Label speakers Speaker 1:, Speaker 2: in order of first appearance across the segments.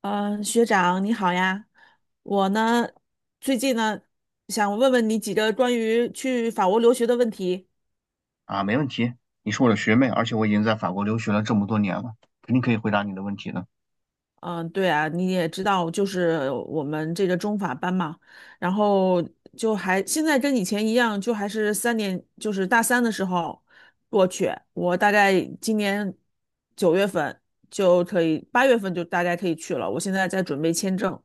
Speaker 1: 嗯，学长你好呀，我呢最近呢想问问你几个关于去法国留学的问题。
Speaker 2: 啊，没问题，你是我的学妹，而且我已经在法国留学了这么多年了，肯定可以回答你的问题的。
Speaker 1: 嗯，对啊，你也知道，就是我们这个中法班嘛，然后就还现在跟以前一样，就还是三年，就是大三的时候过去。我大概今年9月份就可以，8月份就大概可以去了。我现在在准备签证。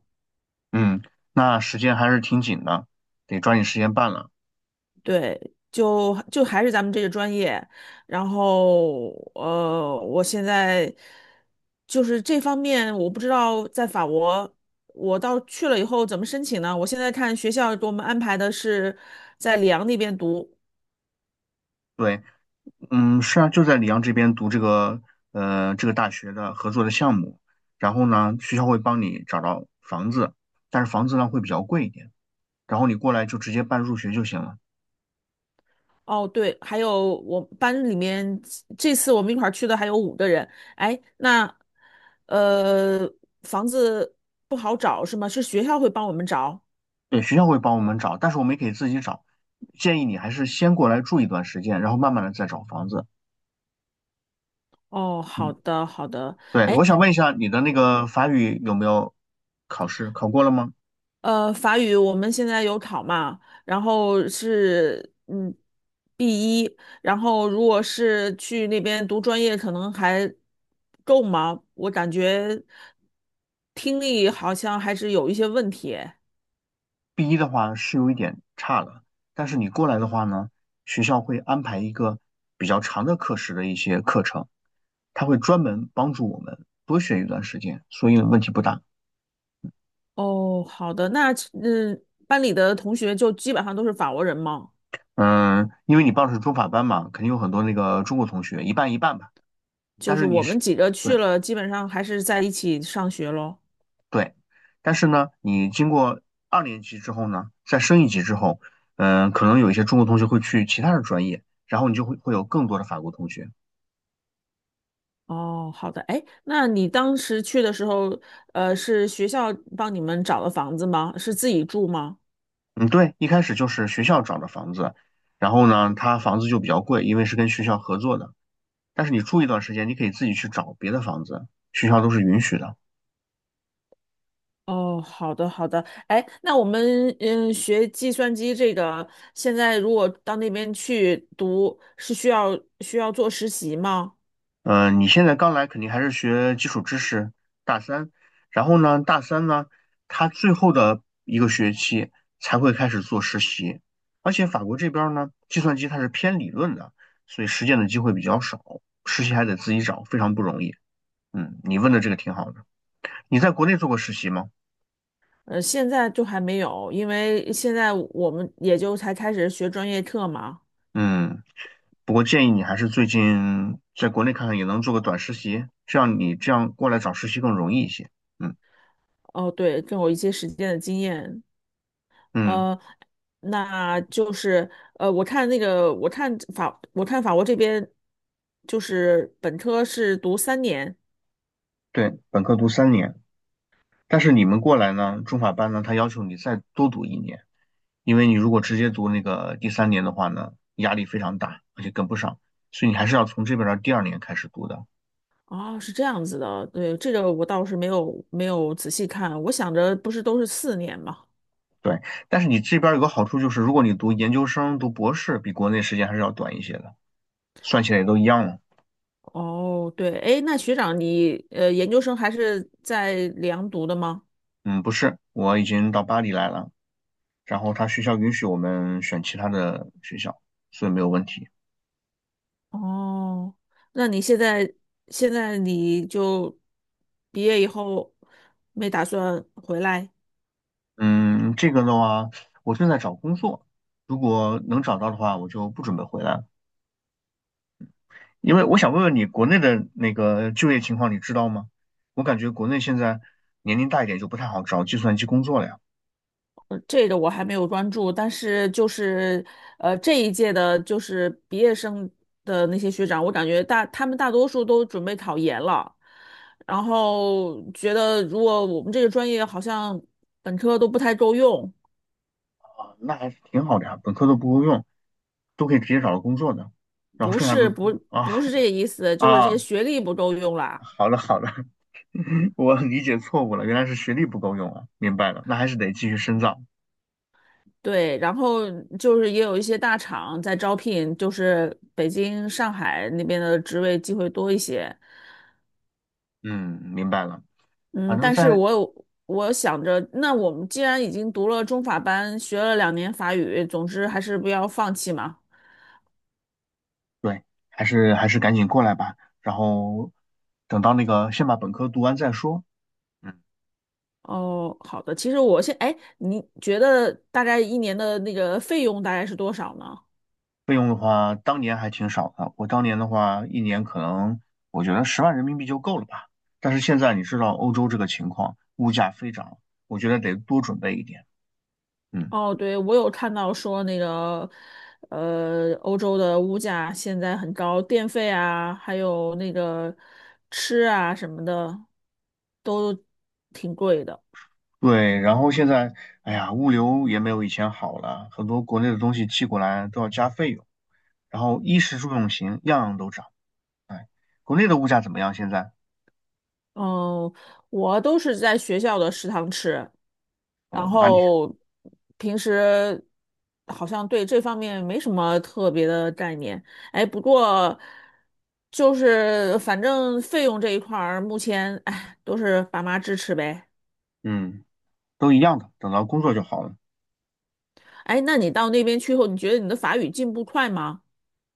Speaker 2: 嗯，那时间还是挺紧的，得抓紧时间办了。
Speaker 1: 对，就还是咱们这个专业，然后我现在就是这方面，我不知道在法国，我到去了以后怎么申请呢？我现在看学校给我们安排的是在里昂那边读。
Speaker 2: 对，嗯，是啊，就在里昂这边读这个大学的合作的项目，然后呢，学校会帮你找到房子，但是房子呢会比较贵一点，然后你过来就直接办入学就行了。
Speaker 1: 哦，对，还有我班里面这次我们一块儿去的还有五个人。哎，那呃，房子不好找是吗？是学校会帮我们找？
Speaker 2: 对，学校会帮我们找，但是我们也可以自己找，建议你还是先过来住一段时间，然后慢慢的再找房子。
Speaker 1: 哦，好
Speaker 2: 嗯。
Speaker 1: 的，好的。
Speaker 2: 对，
Speaker 1: 哎。
Speaker 2: 我想问一下，你的那个法语有没有考试？考过了吗
Speaker 1: 法语我们现在有考嘛，然后是B1，然后如果是去那边读专业，可能还够吗？我感觉听力好像还是有一些问题诶。
Speaker 2: ？B1 的话是有一点差了，但是你过来的话呢，学校会安排一个比较长的课时的一些课程，他会专门帮助我们多学一段时间，所以问题不大。
Speaker 1: 哦，好的，那嗯，班里的同学就基本上都是法国人嘛，
Speaker 2: 嗯，因为你报的是中法班嘛，肯定有很多那个中国同学，一半一半吧。
Speaker 1: 就
Speaker 2: 但
Speaker 1: 是
Speaker 2: 是你
Speaker 1: 我们
Speaker 2: 是，
Speaker 1: 几个去
Speaker 2: 对，
Speaker 1: 了，基本上还是在一起上学咯。
Speaker 2: 对，但是呢，你经过二年级之后呢，再升一级之后，可能有一些中国同学会去其他的专业，然后你就会有更多的法国同学。
Speaker 1: 哦，好的，哎，那你当时去的时候，是学校帮你们找的房子吗？是自己住吗？
Speaker 2: 嗯，对，一开始就是学校找的房子，然后呢，他房子就比较贵，因为是跟学校合作的。但是你住一段时间，你可以自己去找别的房子，学校都是允许的。
Speaker 1: 哦，好的，好的，哎，那我们学计算机这个，现在如果到那边去读，是需要做实习吗？
Speaker 2: 你现在刚来肯定还是学基础知识，大三，然后呢，大三呢，他最后的一个学期才会开始做实习，而且法国这边儿呢，计算机它是偏理论的，所以实践的机会比较少，实习还得自己找，非常不容易。嗯，你问的这个挺好的。你在国内做过实习吗？
Speaker 1: 现在就还没有，因为现在我们也就才开始学专业课嘛。
Speaker 2: 嗯，不过建议你还是最近在国内看看，也能做个短实习，这样你这样过来找实习更容易一些。嗯
Speaker 1: 哦，对，更有一些实践的经验。
Speaker 2: 嗯，
Speaker 1: 呃，那就是我看那个，我看法，我看法国这边就是本科是读三年。
Speaker 2: 对，本科读三年。但是你们过来呢，中法班呢，他要求你再多读一年，因为你如果直接读那个第三年的话呢，压力非常大，而且跟不上，所以你还是要从这边的第二年开始读的。
Speaker 1: 啊，是这样子的。对，这个我倒是没有仔细看，我想着不是都是四年嘛。
Speaker 2: 对，但是你这边有个好处就是，如果你读研究生、读博士，比国内时间还是要短一些的，算起来也都一样了。
Speaker 1: 哦，对，哎，那学长你研究生还是在里昂读的吗？
Speaker 2: 嗯，不是，我已经到巴黎来了，然后他学校允许我们选其他的学校，所以没有问题。
Speaker 1: 哦，那你现在你就毕业以后没打算回来？
Speaker 2: 嗯，这个的话，我正在找工作，如果能找到的话，我就不准备回来了。因为我想问问你，国内的那个就业情况你知道吗？我感觉国内现在年龄大一点就不太好找计算机工作了呀。
Speaker 1: 这个我还没有关注，但是就是这一届的，就是毕业生的那些学长，我感觉他们大多数都准备考研了，然后觉得如果我们这个专业好像本科都不太够用，
Speaker 2: 啊，那还是挺好的呀，本科都不够用，都可以直接找到工作的。然后
Speaker 1: 不
Speaker 2: 剩下
Speaker 1: 是
Speaker 2: 都
Speaker 1: 不
Speaker 2: 啊
Speaker 1: 不是这个意思，就是这些
Speaker 2: 啊，
Speaker 1: 学历不够用啦。
Speaker 2: 好了好了，我理解错误了，原来是学历不够用啊，明白了，那还是得继续深造。
Speaker 1: 对，然后就是也有一些大厂在招聘，就是北京、上海那边的职位机会多一些。
Speaker 2: 嗯，明白了，反
Speaker 1: 嗯，
Speaker 2: 正
Speaker 1: 但是
Speaker 2: 在，
Speaker 1: 我想着，那我们既然已经读了中法班，学了两年法语，总之还是不要放弃嘛。
Speaker 2: 对，还是赶紧过来吧，然后等到那个先把本科读完再说。嗯。
Speaker 1: 哦，好的。其实哎，你觉得大概一年的那个费用大概是多少呢？
Speaker 2: 费用的话，当年还挺少的。我当年的话，一年可能我觉得10万人民币就够了吧。但是现在你知道欧洲这个情况，物价飞涨，我觉得得多准备一点。嗯，
Speaker 1: 哦，对，我有看到说那个，欧洲的物价现在很高，电费啊，还有那个吃啊什么的，都挺贵的。
Speaker 2: 对。然后现在，哎呀，物流也没有以前好了，很多国内的东西寄过来都要加费用。然后衣食住用行样样都涨。国内的物价怎么样？现在？
Speaker 1: 嗯，我都是在学校的食堂吃。然
Speaker 2: 哦，哪里？
Speaker 1: 后平时好像对这方面没什么特别的概念。哎，不过就是反正费用这一块儿，目前哎都是爸妈支持呗。
Speaker 2: 嗯，都一样的。等到工作就好了。
Speaker 1: 哎，那你到那边去后，你觉得你的法语进步快吗？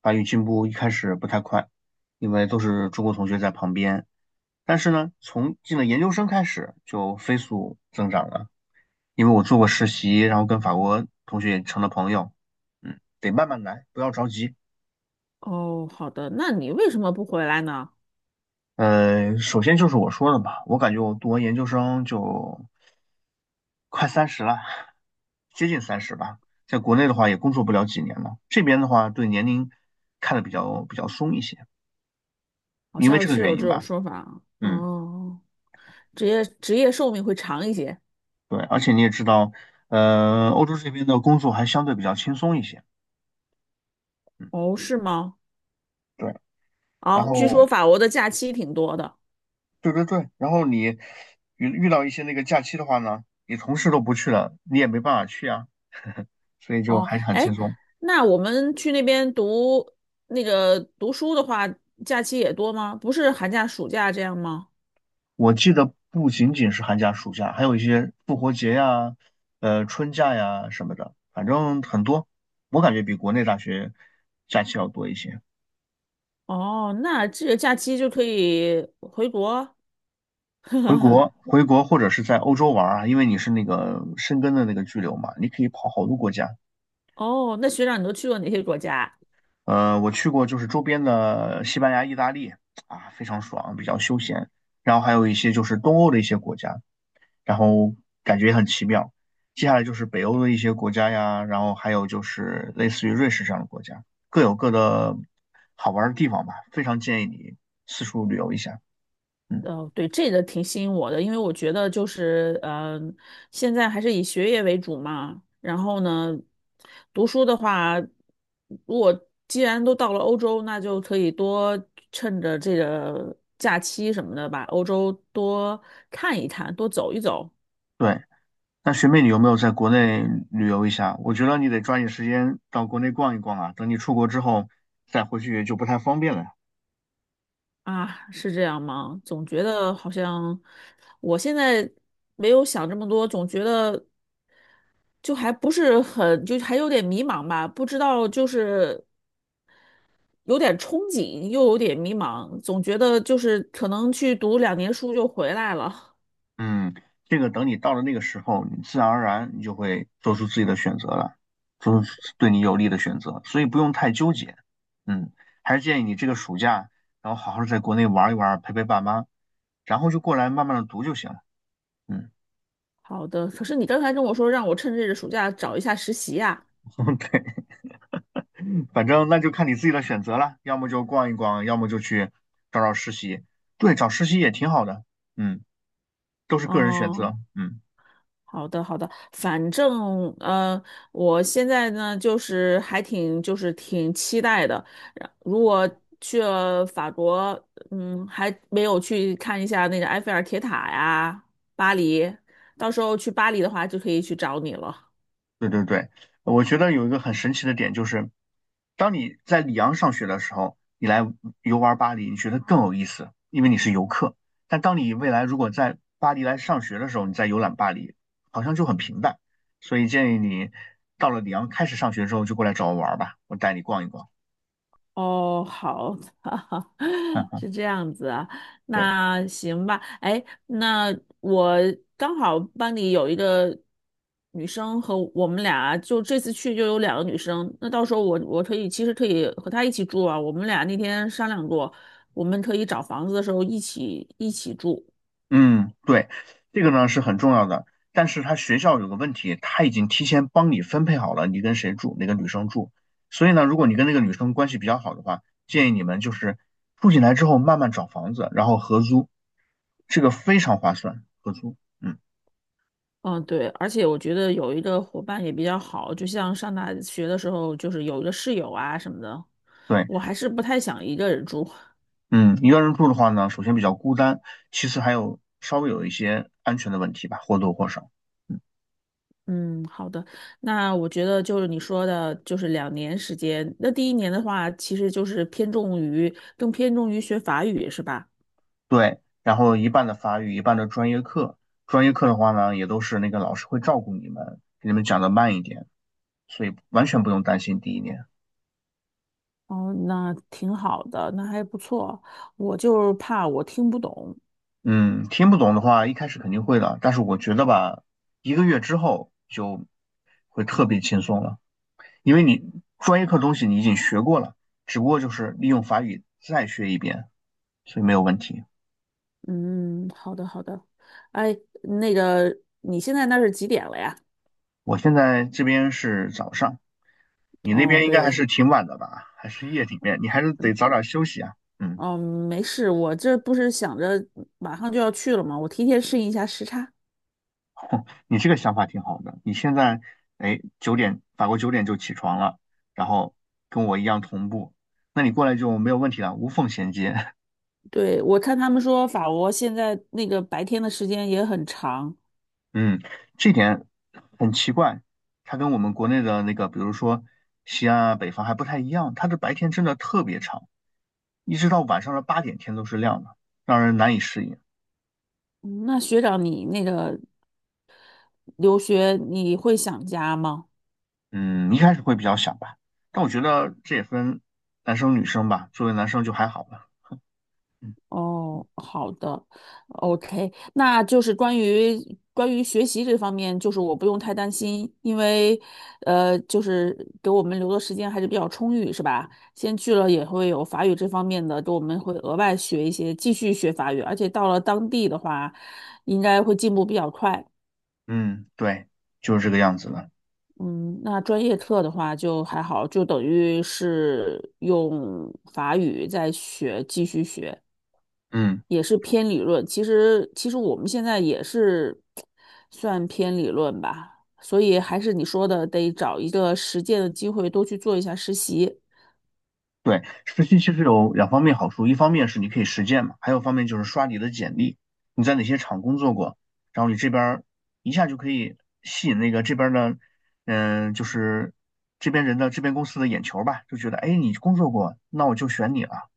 Speaker 2: 法语进步一开始不太快，因为都是中国同学在旁边。但是呢，从进了研究生开始就飞速增长了，因为我做过实习，然后跟法国同学也成了朋友。嗯，得慢慢来，不要着急。
Speaker 1: 哦，好的，那你为什么不回来呢？
Speaker 2: 首先就是我说的吧，我感觉我读完研究生就快三十了，接近三十吧。在国内的话也工作不了几年了，这边的话对年龄看得比较松一些，
Speaker 1: 好
Speaker 2: 因为
Speaker 1: 像
Speaker 2: 这个
Speaker 1: 是
Speaker 2: 原
Speaker 1: 有
Speaker 2: 因
Speaker 1: 这种
Speaker 2: 吧。
Speaker 1: 说法啊。
Speaker 2: 嗯，
Speaker 1: 哦，职业寿命会长一些。
Speaker 2: 对，而且你也知道，欧洲这边的工作还相对比较轻松一些。嗯，
Speaker 1: 哦，是吗？
Speaker 2: 对。然
Speaker 1: 哦，据说
Speaker 2: 后
Speaker 1: 法国的假期挺多的。
Speaker 2: 对对对，然后你遇到一些那个假期的话呢，你同事都不去了，你也没办法去啊，所以就
Speaker 1: 哦，
Speaker 2: 还是很
Speaker 1: 哎，
Speaker 2: 轻松。
Speaker 1: 那我们去那边读读书的话，假期也多吗？不是寒假、暑假这样吗？
Speaker 2: 我记得不仅仅是寒假、暑假，还有一些复活节呀、春假呀什么的，反正很多。我感觉比国内大学假期要多一些。
Speaker 1: 哦，那这个假期就可以回国。
Speaker 2: 回 国，回国或者是在欧洲玩儿啊，因为你是那个申根的那个居留嘛，你可以跑好多国家。
Speaker 1: 哦，那学长，你都去过哪些国家啊？
Speaker 2: 我去过就是周边的西班牙、意大利啊，非常爽，比较休闲。然后还有一些就是东欧的一些国家，然后感觉也很奇妙。接下来就是北欧的一些国家呀，然后还有就是类似于瑞士这样的国家，各有各的好玩的地方吧。非常建议你四处旅游一下。嗯，
Speaker 1: 对，这个挺吸引我的，因为我觉得就是，现在还是以学业为主嘛。然后呢，读书的话，如果既然都到了欧洲，那就可以多趁着这个假期什么的，把欧洲多看一看，多走一走
Speaker 2: 对。那学妹，你有没有在国内旅游一下？我觉得你得抓紧时间到国内逛一逛啊，等你出国之后再回去就不太方便了。
Speaker 1: 啊，是这样吗？总觉得好像我现在没有想这么多，总觉得就还不是很，就还有点迷茫吧，不知道就是。有点憧憬，又有点迷茫，总觉得就是可能去读两年书就回来了。
Speaker 2: 嗯，这个等你到了那个时候，你自然而然你就会做出自己的选择了，做出对你有利的选择，所以不用太纠结。嗯，还是建议你这个暑假，然后好好地在国内玩一玩，陪陪爸妈，然后就过来慢慢的读就行了。嗯，
Speaker 1: 好的，可是你刚才跟我说让我趁这个暑假找一下实习呀、
Speaker 2: 对，反正那就看你自己的选择了，要么就逛一逛，要么就去找找实习。对，找实习也挺好的。嗯，都是个人选
Speaker 1: 哦，
Speaker 2: 择。嗯。
Speaker 1: 好的好的，反正我现在呢就是还挺就是挺期待的。然如果去了法国，还没有去看一下那个埃菲尔铁塔呀，巴黎，到时候去巴黎的话就可以去找你了。
Speaker 2: 对对对，我觉得有一个很神奇的点就是，当你在里昂上学的时候，你来游玩巴黎，你觉得更有意思，因为你是游客。但当你未来如果在巴黎来上学的时候，你再游览巴黎，好像就很平淡。所以建议你到了里昂开始上学之后，就过来找我玩儿吧，我带你逛一逛。
Speaker 1: 哦，好的，
Speaker 2: 嗯，
Speaker 1: 是这样子啊，
Speaker 2: 对。
Speaker 1: 那行吧。哎，那我刚好班里有一个女生和我们俩，就这次去就有2个女生，那到时候我可以和她一起住啊。我们俩那天商量过，我们可以找房子的时候一起住。
Speaker 2: 嗯，对，这个呢是很重要的，但是他学校有个问题，他已经提前帮你分配好了你跟谁住，哪个女生住，所以呢，如果你跟那个女生关系比较好的话，建议你们就是住进来之后慢慢找房子，然后合租，这个非常划算，合租。嗯，
Speaker 1: 嗯，对，而且我觉得有一个伙伴也比较好，就像上大学的时候，就是有一个室友啊什么的。
Speaker 2: 对，
Speaker 1: 我还是不太想一个人住。
Speaker 2: 嗯，一个人住的话呢，首先比较孤单，其次还有稍微有一些安全的问题吧，或多或少。嗯。
Speaker 1: 嗯，好的。那我觉得就是你说的，就是两年时间。那第一年的话，其实就是偏重于更偏重于学法语，是吧？
Speaker 2: 对，然后一半的法语，一半的专业课。专业课的话呢，也都是那个老师会照顾你们，给你们讲的慢一点，所以完全不用担心第一年。
Speaker 1: 哦，那挺好的，那还不错。我就是怕我听不懂。
Speaker 2: 嗯，听不懂的话，一开始肯定会的，但是我觉得吧，一个月之后就会特别轻松了，因为你专业课东西你已经学过了，只不过就是利用法语再学一遍，所以没有问题。
Speaker 1: 嗯，好的，好的。哎，那个，你现在那是几点了呀？
Speaker 2: 我现在这边是早上，你那
Speaker 1: 哦，
Speaker 2: 边应该还
Speaker 1: 对，
Speaker 2: 是挺晚的吧？还是夜里面？你还是得早点休息啊。嗯。
Speaker 1: 嗯，没事，我这不是想着马上就要去了嘛，我提前适应一下时差。
Speaker 2: 你这个想法挺好的。你现在，哎，九点，法国九点就起床了，然后跟我一样同步，那你过来就没有问题了，无缝衔接。
Speaker 1: 对，我看他们说法国现在那个白天的时间也很长。
Speaker 2: 嗯，这点很奇怪，它跟我们国内的那个，比如说西安啊、北方还不太一样，它的白天真的特别长，一直到晚上的8点天都是亮的，让人难以适应。
Speaker 1: 嗯，那学长，你那个留学你会想家吗？
Speaker 2: 嗯，一开始会比较想吧，但我觉得这也分男生女生吧，作为男生就还好了。嗯。
Speaker 1: 哦，好的，OK，那就是关于学习这方面，就是我不用太担心，因为就是给我们留的时间还是比较充裕，是吧？先去了也会有法语这方面的，给我们会额外学一些，继续学法语，而且到了当地的话，应该会进步比较快。
Speaker 2: 嗯，对，就是这个样子的。
Speaker 1: 嗯，那专业课的话就还好，就等于是用法语在学，继续学，
Speaker 2: 嗯。
Speaker 1: 也是偏理论。其实我们现在也是算偏理论吧，所以还是你说的，得找一个实践的机会，多去做一下实习。
Speaker 2: 对，实习其实有两方面好处，一方面是你可以实践嘛，还有一方面就是刷你的简历，你在哪些厂工作过，然后你这边儿一下就可以吸引那个这边儿的，就是这边人的这边公司的眼球儿吧，就觉得哎你工作过，那我就选你了，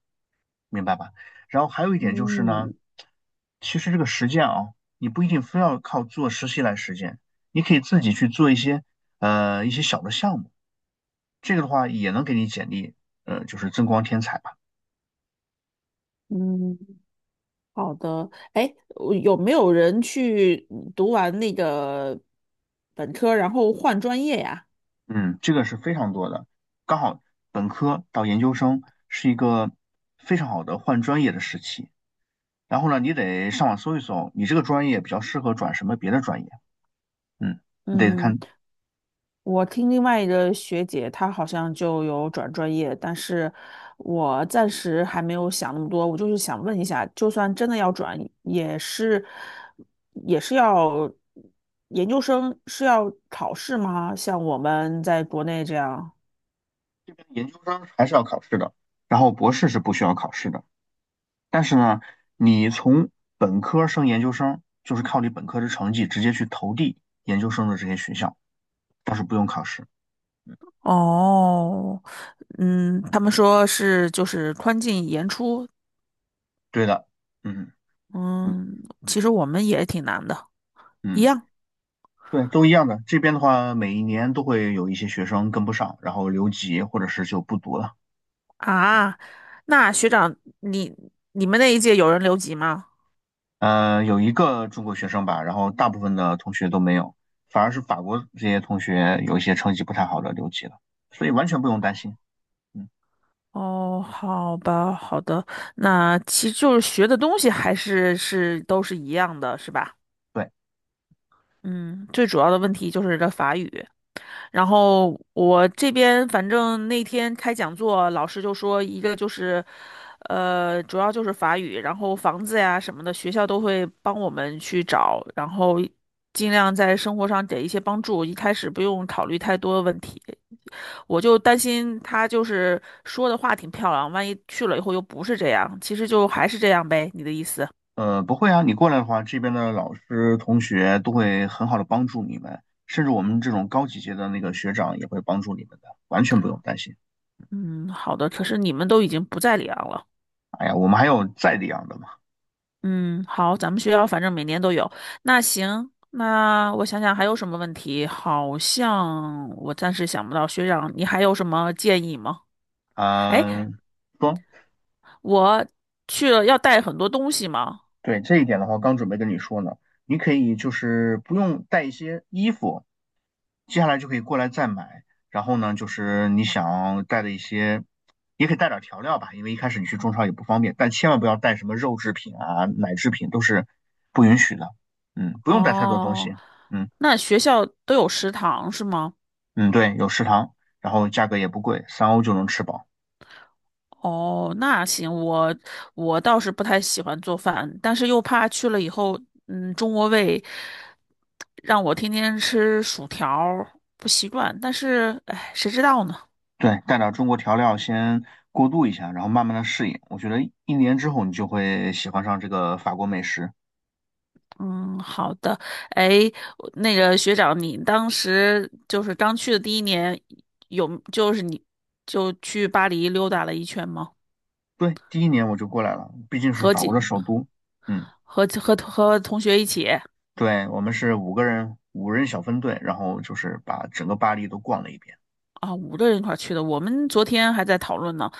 Speaker 2: 明白吧？然后还有一点就是呢，
Speaker 1: 嗯
Speaker 2: 其实这个实践啊，你不一定非要靠做实习来实践，你可以自己去做一些一些小的项目，这个的话也能给你简历就是增光添彩吧。
Speaker 1: 嗯，好的。哎，我有没有人去读完那个本科，然后换专业呀？
Speaker 2: 嗯，这个是非常多的，刚好本科到研究生是一个非常好的换专业的时期。然后呢，你得上网搜一搜，你这个专业比较适合转什么别的专业。嗯，你得
Speaker 1: 嗯。
Speaker 2: 看
Speaker 1: 我听另外一个学姐，她好像就有转专业，但是我暂时还没有想那么多。我就是想问一下，就算真的要转，也是要研究生是要考试吗？像我们在国内这样？
Speaker 2: 这边研究生还是要考试的，然后博士是不需要考试的。但是呢，你从本科升研究生，就是靠你本科的成绩直接去投递研究生的这些学校，倒是不用考试。
Speaker 1: 哦，嗯，他们说是就是宽进严出，
Speaker 2: 对的。嗯
Speaker 1: 嗯，其实我们也挺难的，一
Speaker 2: 嗯。
Speaker 1: 样
Speaker 2: 对，都一样的。这边的话，每一年都会有一些学生跟不上，然后留级或者是就不读了。
Speaker 1: 啊。那学长，你你们那一届有人留级吗？
Speaker 2: 有一个中国学生吧，然后大部分的同学都没有，反而是法国这些同学有一些成绩不太好的留级了，所以完全不用担心。嗯，
Speaker 1: 哦，好吧，好的，那其实就是学的东西还是都是一样的，是吧？
Speaker 2: 对，
Speaker 1: 嗯，最主要的问题就是这法语。然后我这边反正那天开讲座，老师就说一个就是，主要就是法语，然后房子呀什么的，学校都会帮我们去找，然后尽量在生活上给一些帮助，一开始不用考虑太多的问题。我就担心他就是说的话挺漂亮，万一去了以后又不是这样，其实就还是这样呗，你的意思？
Speaker 2: 不会啊，你过来的话，这边的老师同学都会很好的帮助你们，甚至我们这种高级阶的那个学长也会帮助你们的，完全不用担心。
Speaker 1: 嗯，好的。可是你们都已经不在里昂了。
Speaker 2: 哎呀，我们还有在里样的嘛。
Speaker 1: 嗯，好，咱们学校反正每年都有。那行，那我想想还有什么问题？好像我暂时想不到。学长，你还有什么建议吗？哎，
Speaker 2: 嗯、说。
Speaker 1: 我去了要带很多东西吗？
Speaker 2: 对这一点的话，刚准备跟你说呢，你可以就是不用带一些衣服，接下来就可以过来再买。然后呢，就是你想带的一些，也可以带点调料吧，因为一开始你去中超也不方便，但千万不要带什么肉制品啊、奶制品都是不允许的。嗯，不用带太多东
Speaker 1: 哦，
Speaker 2: 西。嗯
Speaker 1: 那学校都有食堂是吗？
Speaker 2: 嗯，对，有食堂，然后价格也不贵，3欧就能吃饱。
Speaker 1: 哦，那行，我倒是不太喜欢做饭，但是又怕去了以后，中国胃让我天天吃薯条儿不习惯。但是，哎，谁知道呢？
Speaker 2: 对，带点中国调料先过渡一下，然后慢慢的适应。我觉得1年之后你就会喜欢上这个法国美食。
Speaker 1: 嗯，好的。哎，我那个学长，你当时就是刚去的第一年，有就是你就去巴黎溜达了一圈吗？
Speaker 2: 对，第一年我就过来了，毕竟是
Speaker 1: 和
Speaker 2: 法国的
Speaker 1: 几
Speaker 2: 首都。嗯，
Speaker 1: 和和和同学一起
Speaker 2: 对，我们是5个人，5人小分队，然后就是把整个巴黎都逛了一遍。
Speaker 1: 啊，五个人一块儿去的。我们昨天还在讨论呢。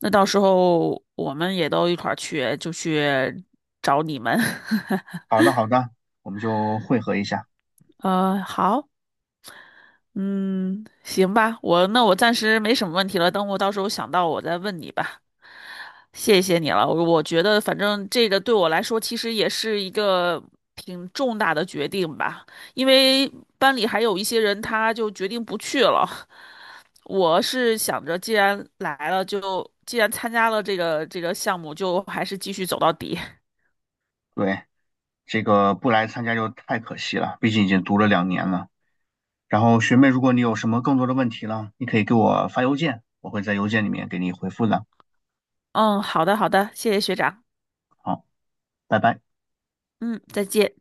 Speaker 1: 那到时候我们也都一块儿去，就去找你们。
Speaker 2: 好的，好的，我们就汇合一下。
Speaker 1: 好，嗯，行吧，那我暂时没什么问题了，等我到时候想到我再问你吧。谢谢你了，我觉得反正这个对我来说其实也是一个挺重大的决定吧，因为班里还有一些人他就决定不去了。我是想着既然来了就，既然参加了这个项目，就还是继续走到底。
Speaker 2: 对，这个不来参加就太可惜了，毕竟已经读了2年了。然后学妹，如果你有什么更多的问题了，你可以给我发邮件，我会在邮件里面给你回复的。
Speaker 1: 嗯，好的，好的，谢谢学长。
Speaker 2: 好，拜拜。
Speaker 1: 嗯，再见。